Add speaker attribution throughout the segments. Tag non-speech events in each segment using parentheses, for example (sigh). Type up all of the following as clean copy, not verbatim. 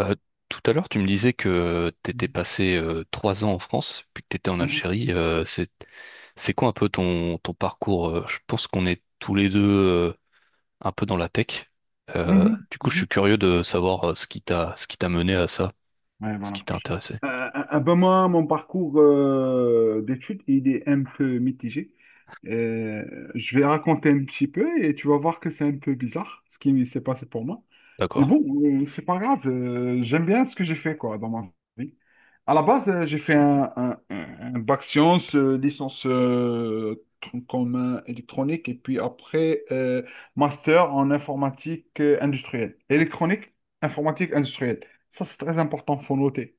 Speaker 1: Euh, Tout à l'heure, tu me disais que tu étais
Speaker 2: Mhm.
Speaker 1: passé trois ans en France, puis que tu étais en
Speaker 2: Mhm.
Speaker 1: Algérie. C'est quoi un peu ton parcours? Je pense qu'on est tous les deux un peu dans la tech.
Speaker 2: Mhm.
Speaker 1: Du coup, je
Speaker 2: Mhm.
Speaker 1: suis curieux de savoir ce qui ce qui t'a mené à ça,
Speaker 2: Ouais,
Speaker 1: ce
Speaker 2: voilà.
Speaker 1: qui t'a intéressé.
Speaker 2: Ben moi, mon parcours d'études, il est un peu mitigé. Euh, je vais raconter un petit peu et tu vas voir que c'est un peu bizarre ce qui s'est passé pour moi. Mais
Speaker 1: D'accord.
Speaker 2: bon, c'est pas grave. J'aime bien ce que j'ai fait quoi dans ma vie. À la base, j'ai fait bac sciences, licence tronc commun électronique et puis après master en informatique industrielle, électronique, informatique industrielle. Ça, c'est très important, faut noter.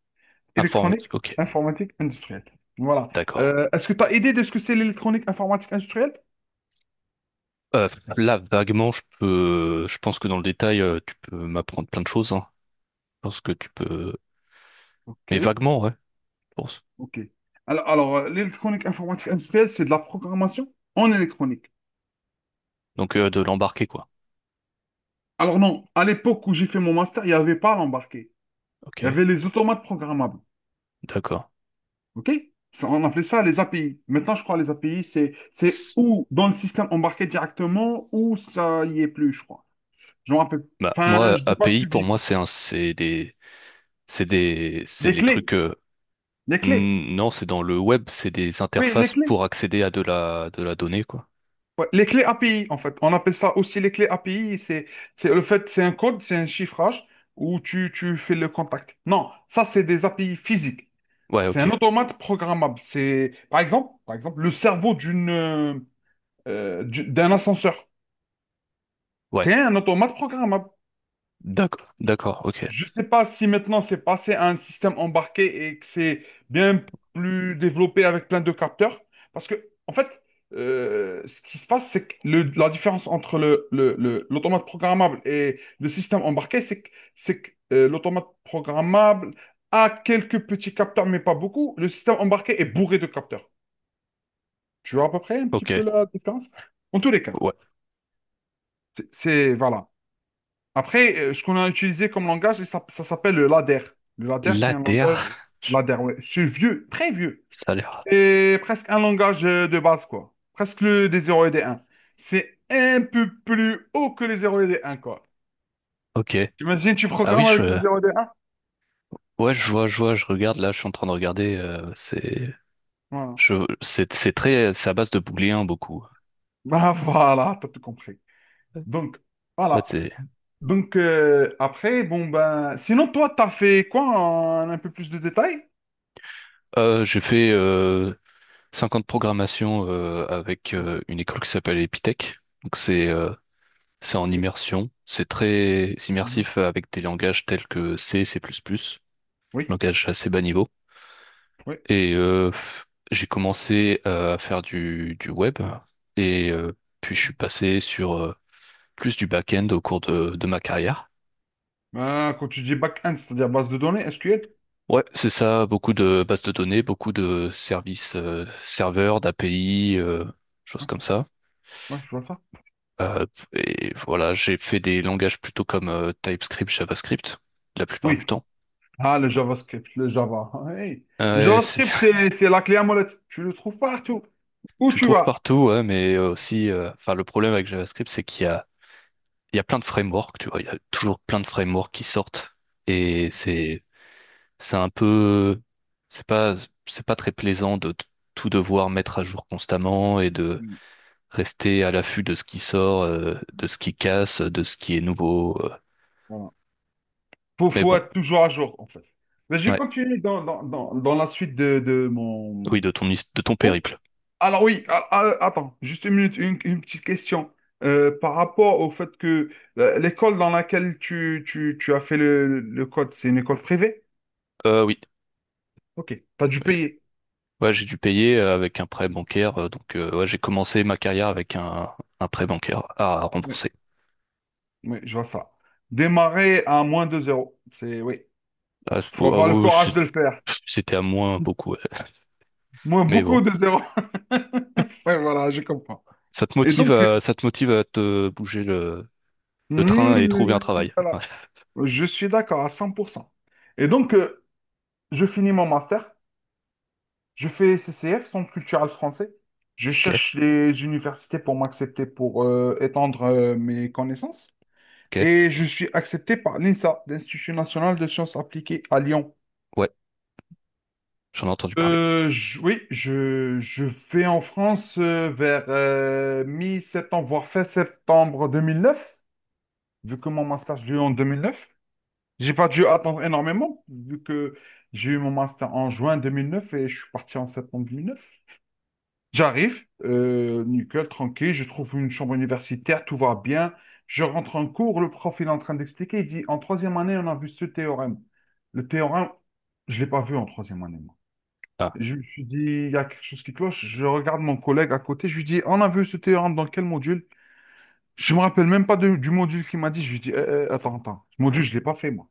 Speaker 2: Électronique,
Speaker 1: Informatique. Ok.
Speaker 2: informatique, industrielle. Voilà.
Speaker 1: D'accord.
Speaker 2: Est-ce que tu as idée de ce que c'est l'électronique, informatique, industrielle?
Speaker 1: Euh, Là, vaguement, je pense que dans le détail, tu peux m'apprendre plein de choses, hein. Je pense que tu peux,
Speaker 2: Ok,
Speaker 1: mais vaguement, ouais. Je pense.
Speaker 2: ok. L'électronique, informatique, industrielle, c'est de la programmation en électronique.
Speaker 1: Donc, de l'embarquer, quoi.
Speaker 2: Alors non, à l'époque où j'ai fait mon master, il n'y avait pas l'embarqué.
Speaker 1: Ok.
Speaker 2: Il y avait les automates programmables.
Speaker 1: D'accord.
Speaker 2: Ok? Ça, on appelait ça les API. Maintenant, je crois les API, c'est ou dans le système embarqué directement ou ça y est plus, je crois. Je me rappelle.
Speaker 1: Bah,
Speaker 2: Enfin,
Speaker 1: moi,
Speaker 2: je n'ai pas
Speaker 1: API, pour
Speaker 2: suivi,
Speaker 1: moi,
Speaker 2: quoi.
Speaker 1: c'est un, c'est des, c'est des, c'est
Speaker 2: Les
Speaker 1: les
Speaker 2: clés,
Speaker 1: trucs,
Speaker 2: les clés.
Speaker 1: non, c'est dans le web, c'est des
Speaker 2: Oui, les
Speaker 1: interfaces
Speaker 2: clés.
Speaker 1: pour accéder à de la donnée, quoi.
Speaker 2: Ouais, les clés API, en fait. On appelle ça aussi les clés API. C'est le fait, c'est un code, c'est un chiffrage où tu fais le contact. Non, ça, c'est des API physiques.
Speaker 1: Ouais,
Speaker 2: C'est un
Speaker 1: ok.
Speaker 2: automate programmable. C'est, par exemple, le cerveau d'une, d'un ascenseur.
Speaker 1: Ouais.
Speaker 2: C'est un automate programmable.
Speaker 1: D'accord, d'accord, ok.
Speaker 2: Je ne sais pas si maintenant c'est passé à un système embarqué et que c'est bien plus développé avec plein de capteurs. Parce que, en fait, ce qui se passe, c'est que la différence entre l'automate programmable et le système embarqué, c'est que, l'automate programmable a quelques petits capteurs, mais pas beaucoup. Le système embarqué est bourré de capteurs. Tu vois à peu près un petit
Speaker 1: Ok.
Speaker 2: peu la différence? En tous les cas,
Speaker 1: Ouais.
Speaker 2: voilà. Après, ce qu'on a utilisé comme langage, ça s'appelle le ladder. Le ladder,
Speaker 1: la
Speaker 2: c'est un langage. Ok,
Speaker 1: L'ADR,
Speaker 2: ladder, ouais. C'est vieux, très vieux.
Speaker 1: (laughs) ça a l'air.
Speaker 2: C'est presque un langage de base, quoi. Presque le des 0 et des 1. C'est un peu plus haut que les 0 et les 1, quoi.
Speaker 1: Ok.
Speaker 2: T'imagines, tu
Speaker 1: Ah oui,
Speaker 2: programmes avec les 0 et des 1?
Speaker 1: ouais, je vois, je regarde, là, je suis en train de regarder,
Speaker 2: Voilà. (laughs)
Speaker 1: c'est très, c'est à base de booléen, beaucoup.
Speaker 2: Bah voilà, t'as tout compris. Donc,
Speaker 1: Ouais,
Speaker 2: voilà.
Speaker 1: c'est,
Speaker 2: Donc, après, bon, ben... Sinon, toi, t'as fait quoi en un peu plus de détails?
Speaker 1: j'ai fait, cinq ans de programmation avec une école qui s'appelle Epitech. Donc c'est en
Speaker 2: Ok.
Speaker 1: immersion. C'est très
Speaker 2: Mhm.
Speaker 1: immersif avec des langages tels que C, C++,
Speaker 2: Oui,
Speaker 1: langage assez bas niveau.
Speaker 2: oui.
Speaker 1: Et j'ai commencé à faire du web et puis je
Speaker 2: Ok.
Speaker 1: suis passé sur plus du back-end au cours de ma carrière.
Speaker 2: Quand tu dis back-end, c'est-à-dire base de données, SQL?
Speaker 1: Ouais, c'est ça, beaucoup de bases de données, beaucoup de services serveurs, d'API, choses comme ça.
Speaker 2: Ouais, je vois ça.
Speaker 1: Euh, et voilà, j'ai fait des langages plutôt comme TypeScript, JavaScript, la plupart
Speaker 2: Oui.
Speaker 1: du temps.
Speaker 2: Ah, le JavaScript, le Java. Hey. Le
Speaker 1: Euh, Ouais, c'est-
Speaker 2: JavaScript,
Speaker 1: (laughs)
Speaker 2: c'est la clé à molette. Tu le trouves partout. Où
Speaker 1: Tu le
Speaker 2: tu
Speaker 1: trouves
Speaker 2: vas.
Speaker 1: partout, ouais, mais enfin, le problème avec JavaScript, c'est qu'il y a, il y a plein de frameworks, tu vois, il y a toujours plein de frameworks qui sortent, et c'est un peu, c'est pas, c'est pas très plaisant tout devoir mettre à jour constamment et de
Speaker 2: Oui,
Speaker 1: rester à l'affût de ce qui sort, de ce qui casse, de ce qui est nouveau.
Speaker 2: voilà.
Speaker 1: Mais
Speaker 2: Faut
Speaker 1: bon,
Speaker 2: être toujours à jour, en fait. Mais je vais
Speaker 1: ouais.
Speaker 2: continuer dans la suite de
Speaker 1: Oui,
Speaker 2: mon
Speaker 1: de de ton
Speaker 2: cours.
Speaker 1: périple.
Speaker 2: Alors oui, attends, juste une minute, une petite question. Par rapport au fait que l'école dans laquelle tu as fait le code, c'est une école privée?
Speaker 1: Oui.
Speaker 2: Ok, tu as dû
Speaker 1: Oui.
Speaker 2: payer.
Speaker 1: Ouais, j'ai dû payer avec un prêt
Speaker 2: Ok.
Speaker 1: bancaire. Donc, ouais, j'ai commencé ma carrière avec un prêt bancaire à
Speaker 2: Ouais.
Speaker 1: rembourser.
Speaker 2: Oui, je vois ça. Démarrer à moins 2 zéro. C'est, oui.
Speaker 1: Ah, c-
Speaker 2: Faut
Speaker 1: oh, ah
Speaker 2: avoir le
Speaker 1: oui,
Speaker 2: courage de le faire.
Speaker 1: c'était à moins beaucoup. Ouais. (laughs)
Speaker 2: Moins
Speaker 1: Mais
Speaker 2: beaucoup
Speaker 1: bon,
Speaker 2: de zéro. (laughs) Ouais, voilà, je comprends. Et donc,
Speaker 1: ça te motive à te bouger le
Speaker 2: hmm,
Speaker 1: train et trouver un travail.
Speaker 2: voilà.
Speaker 1: Ouais.
Speaker 2: Je suis d'accord à 100%. Et donc, je finis mon master. Je fais CCF, Centre culturel français. Je
Speaker 1: Ok,
Speaker 2: cherche les universités pour m'accepter, pour étendre mes connaissances.
Speaker 1: ok.
Speaker 2: Et je suis accepté par l'INSA, l'Institut national de sciences appliquées à Lyon.
Speaker 1: Ouais, j'en ai entendu parler.
Speaker 2: Oui, je vais en France vers mi-septembre, voire fin septembre 2009, vu que mon master, je l'ai eu en 2009. J'ai pas dû attendre énormément, vu que j'ai eu mon master en juin 2009 et je suis parti en septembre 2009. J'arrive, nickel, tranquille, je trouve une chambre universitaire, tout va bien. Je rentre en cours, le prof, il est en train d'expliquer, il dit, en troisième année, on a vu ce théorème. Le théorème, je ne l'ai pas vu en troisième année.
Speaker 1: Ah,
Speaker 2: Je me suis dit, il y a quelque chose qui cloche. Je regarde mon collègue à côté. Je lui dis, on a vu ce théorème dans quel module? Je me rappelle même pas du module qu'il m'a dit. Je lui dis, eh, eh, attends, attends. Ce module, je l'ai pas fait, moi.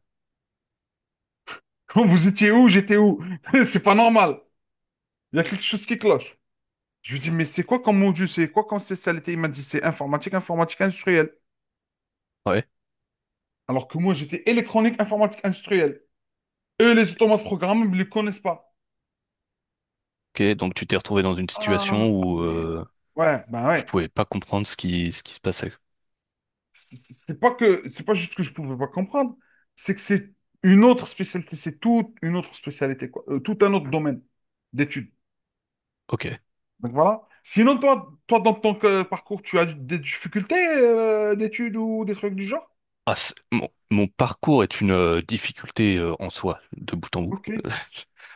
Speaker 2: (laughs) Vous étiez où? J'étais où? (laughs) C'est pas normal. Il y a quelque chose qui cloche. Je lui dis, mais c'est quoi comme module? C'est quoi comme spécialité? Il m'a dit, c'est informatique, informatique industrielle.
Speaker 1: ouais.
Speaker 2: Alors que moi, j'étais électronique, informatique industrielle. Eux, les automates programmables, ils ne les connaissent pas.
Speaker 1: Ok, donc tu t'es retrouvé dans une
Speaker 2: Ah,
Speaker 1: situation où
Speaker 2: mais- ouais, ben
Speaker 1: tu
Speaker 2: ouais.
Speaker 1: pouvais pas comprendre ce ce qui se passait.
Speaker 2: C'est pas que c'est pas juste que je pouvais pas comprendre, c'est que c'est une autre spécialité, c'est toute une autre spécialité, quoi. Tout un autre domaine d'études.
Speaker 1: Ok.
Speaker 2: Donc voilà. Sinon, toi, dans ton parcours, tu as des difficultés d'études ou des trucs du genre?
Speaker 1: Mon parcours est une difficulté en soi, de bout en bout.
Speaker 2: Ok,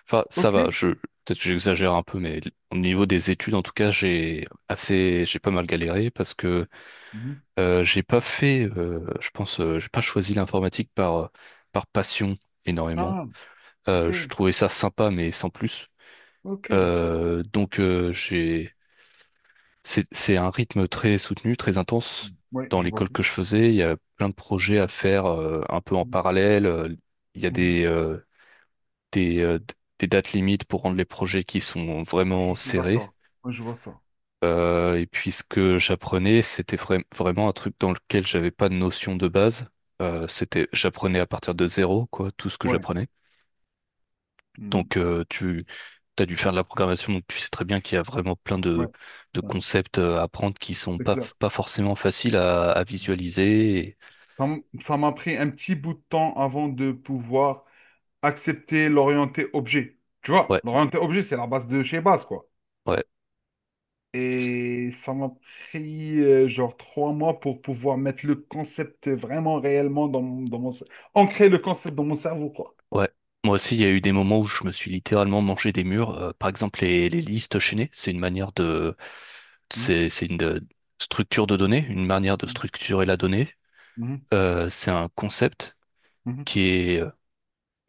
Speaker 1: Enfin, ça
Speaker 2: ok.
Speaker 1: va, peut-être que j'exagère un peu, mais au niveau des études, en tout cas, j'ai pas mal galéré parce que
Speaker 2: Mhm.
Speaker 1: j'ai pas fait, je pense, j'ai pas choisi l'informatique par passion énormément.
Speaker 2: Ah, ok,
Speaker 1: Je trouvais ça sympa, mais sans plus.
Speaker 2: ok.
Speaker 1: Donc, j'ai c'est un rythme très soutenu, très intense.
Speaker 2: Oui,
Speaker 1: Dans
Speaker 2: je vois
Speaker 1: l'école
Speaker 2: ça.
Speaker 1: que je faisais, il y a plein de projets à faire un peu en
Speaker 2: Mhm,
Speaker 1: parallèle. Il y a
Speaker 2: mhm.
Speaker 1: des, d- Des dates limites pour rendre les projets qui sont vraiment
Speaker 2: Je suis
Speaker 1: serrés.
Speaker 2: d'accord. Ouais, je vois ça.
Speaker 1: Et puis ce que j'apprenais, c'était vraiment un truc dans lequel j'avais pas de notion de base. J'apprenais à partir de zéro, quoi, tout ce que
Speaker 2: Ouais,
Speaker 1: j'apprenais.
Speaker 2: mhm,
Speaker 1: Donc tu as dû faire de la programmation, donc tu sais très bien qu'il y a vraiment plein
Speaker 2: ouais,
Speaker 1: de
Speaker 2: ouais,
Speaker 1: concepts à apprendre qui sont
Speaker 2: c'est clair.
Speaker 1: pas forcément faciles à
Speaker 2: Mhm.
Speaker 1: visualiser. Et
Speaker 2: Ça m'a pris un petit bout de temps avant de pouvoir accepter l'orienté objet. Tu vois,
Speaker 1: ouais,
Speaker 2: l'orienté objet, c'est la base de chez base, quoi.
Speaker 1: ouais,
Speaker 2: Et ça m'a pris genre 3 mois pour pouvoir mettre le concept vraiment réellement dans mon, ancrer le concept dans mon cerveau, quoi.
Speaker 1: ouais. Moi aussi, il y a eu des moments où je me suis littéralement mangé des murs. Par exemple, les listes chaînées,
Speaker 2: Mhm,
Speaker 1: c'est une structure de données, une manière de structurer la donnée.
Speaker 2: mhm,
Speaker 1: C'est un concept
Speaker 2: mhm.
Speaker 1: qui est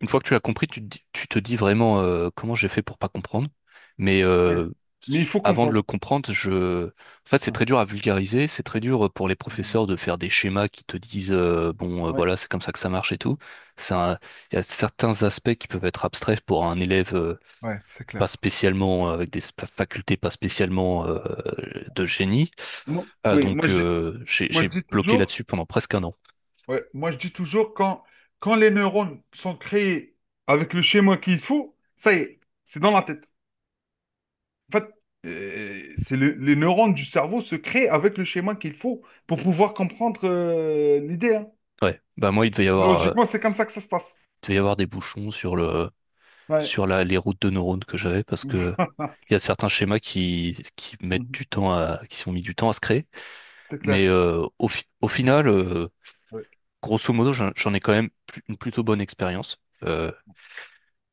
Speaker 1: Une fois que tu as compris, tu te dis vraiment comment j'ai fait pour pas comprendre. Mais
Speaker 2: Ouais.
Speaker 1: euh,
Speaker 2: Mais
Speaker 1: s-
Speaker 2: il faut
Speaker 1: avant de le
Speaker 2: comprendre.
Speaker 1: comprendre, je... En fait, c'est
Speaker 2: Mhm,
Speaker 1: très dur à vulgariser. C'est très dur pour les
Speaker 2: mhm.
Speaker 1: professeurs de faire des schémas qui te disent bon,
Speaker 2: Ouais.
Speaker 1: voilà, c'est comme ça que ça marche et tout. C'est un- Il y a certains aspects qui peuvent être abstraits pour un élève
Speaker 2: Ouais, c'est
Speaker 1: pas
Speaker 2: clair.
Speaker 1: spécialement avec des facultés pas spécialement de génie.
Speaker 2: Moi-
Speaker 1: Ah,
Speaker 2: oui,
Speaker 1: donc
Speaker 2: moi je
Speaker 1: j'ai
Speaker 2: dis
Speaker 1: bloqué
Speaker 2: toujours,
Speaker 1: là-dessus pendant presque un an.
Speaker 2: ouais, moi je dis toujours quand, quand les neurones sont créés avec le schéma qu'il faut, ça y est, c'est dans la tête. En fait, les neurones du cerveau se créent avec le schéma qu'il faut pour pouvoir comprendre l'idée, hein.
Speaker 1: Ouais. Bah moi,
Speaker 2: Logiquement, c'est comme ça que ça se passe.
Speaker 1: il devait y avoir des bouchons sur
Speaker 2: Ouais.
Speaker 1: les routes de neurones que j'avais parce que
Speaker 2: (laughs)
Speaker 1: il y a certains schémas qui mettent du temps à, qui sont mis du temps à se créer.
Speaker 2: C'est clair.
Speaker 1: Mais euh, au final,
Speaker 2: Ouais.
Speaker 1: grosso modo, j'en ai quand même une plutôt bonne expérience. Euh,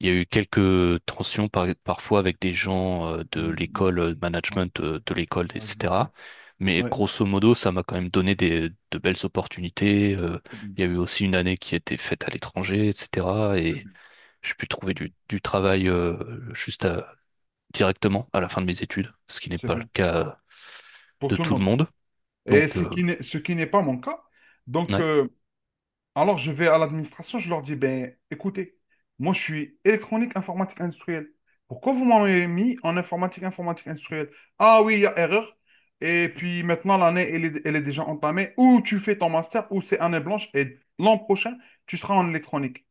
Speaker 1: il y a eu quelques tensions parfois avec des gens de
Speaker 2: Mm, mm.
Speaker 1: l'école
Speaker 2: Ouais.
Speaker 1: management l'école,
Speaker 2: Ouais, je vois
Speaker 1: etc.
Speaker 2: ça.
Speaker 1: Mais
Speaker 2: Ouais,
Speaker 1: grosso modo, ça m'a quand même donné de belles opportunités.
Speaker 2: c'est bien.
Speaker 1: Il y a eu aussi une année qui était faite à l'étranger, etc.
Speaker 2: C'est
Speaker 1: Et
Speaker 2: bien.
Speaker 1: j'ai pu trouver du travail directement à la fin de mes études, ce qui n'est
Speaker 2: C'est
Speaker 1: pas le
Speaker 2: bien.
Speaker 1: cas
Speaker 2: Pour
Speaker 1: de
Speaker 2: tout le
Speaker 1: tout le
Speaker 2: monde.
Speaker 1: monde.
Speaker 2: Et
Speaker 1: Donc,
Speaker 2: ce qui n'est pas mon cas. Donc,
Speaker 1: ouais.
Speaker 2: alors, je vais à l'administration, je leur dis, ben, écoutez, moi, je suis électronique, informatique industrielle. Pourquoi vous m'avez mis en informatique, informatique industrielle? Ah oui, il y a erreur. Et puis maintenant, l'année, elle est déjà entamée. Ou tu fais ton master, ou c'est année blanche. Et l'an prochain, tu seras en électronique.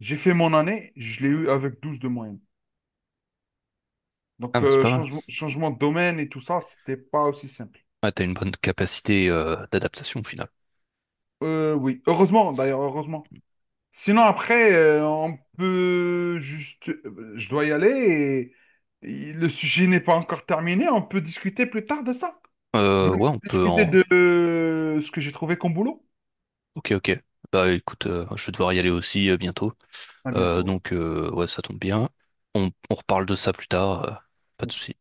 Speaker 2: J'ai fait mon année, je l'ai eu avec 12 de moyenne.
Speaker 1: Ah
Speaker 2: Donc,
Speaker 1: bah c'est pas mal.
Speaker 2: changement de domaine et tout ça, c'était pas aussi simple.
Speaker 1: Ah, t'as une bonne capacité d'adaptation au final.
Speaker 2: Oui, heureusement, d'ailleurs, heureusement. Sinon, après, on peut juste... Je dois y aller et le sujet n'est pas encore terminé. On peut discuter plus tard de ça. On
Speaker 1: Ouais, on peut
Speaker 2: discuter
Speaker 1: en...
Speaker 2: de ce que j'ai trouvé comme boulot.
Speaker 1: Ok, ok. Bah écoute, je vais devoir y aller aussi bientôt.
Speaker 2: À bientôt, ouais.
Speaker 1: Ouais, ça tombe bien. On reparle de ça plus tard. Pas de souci.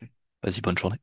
Speaker 1: Vas-y, bonne journée.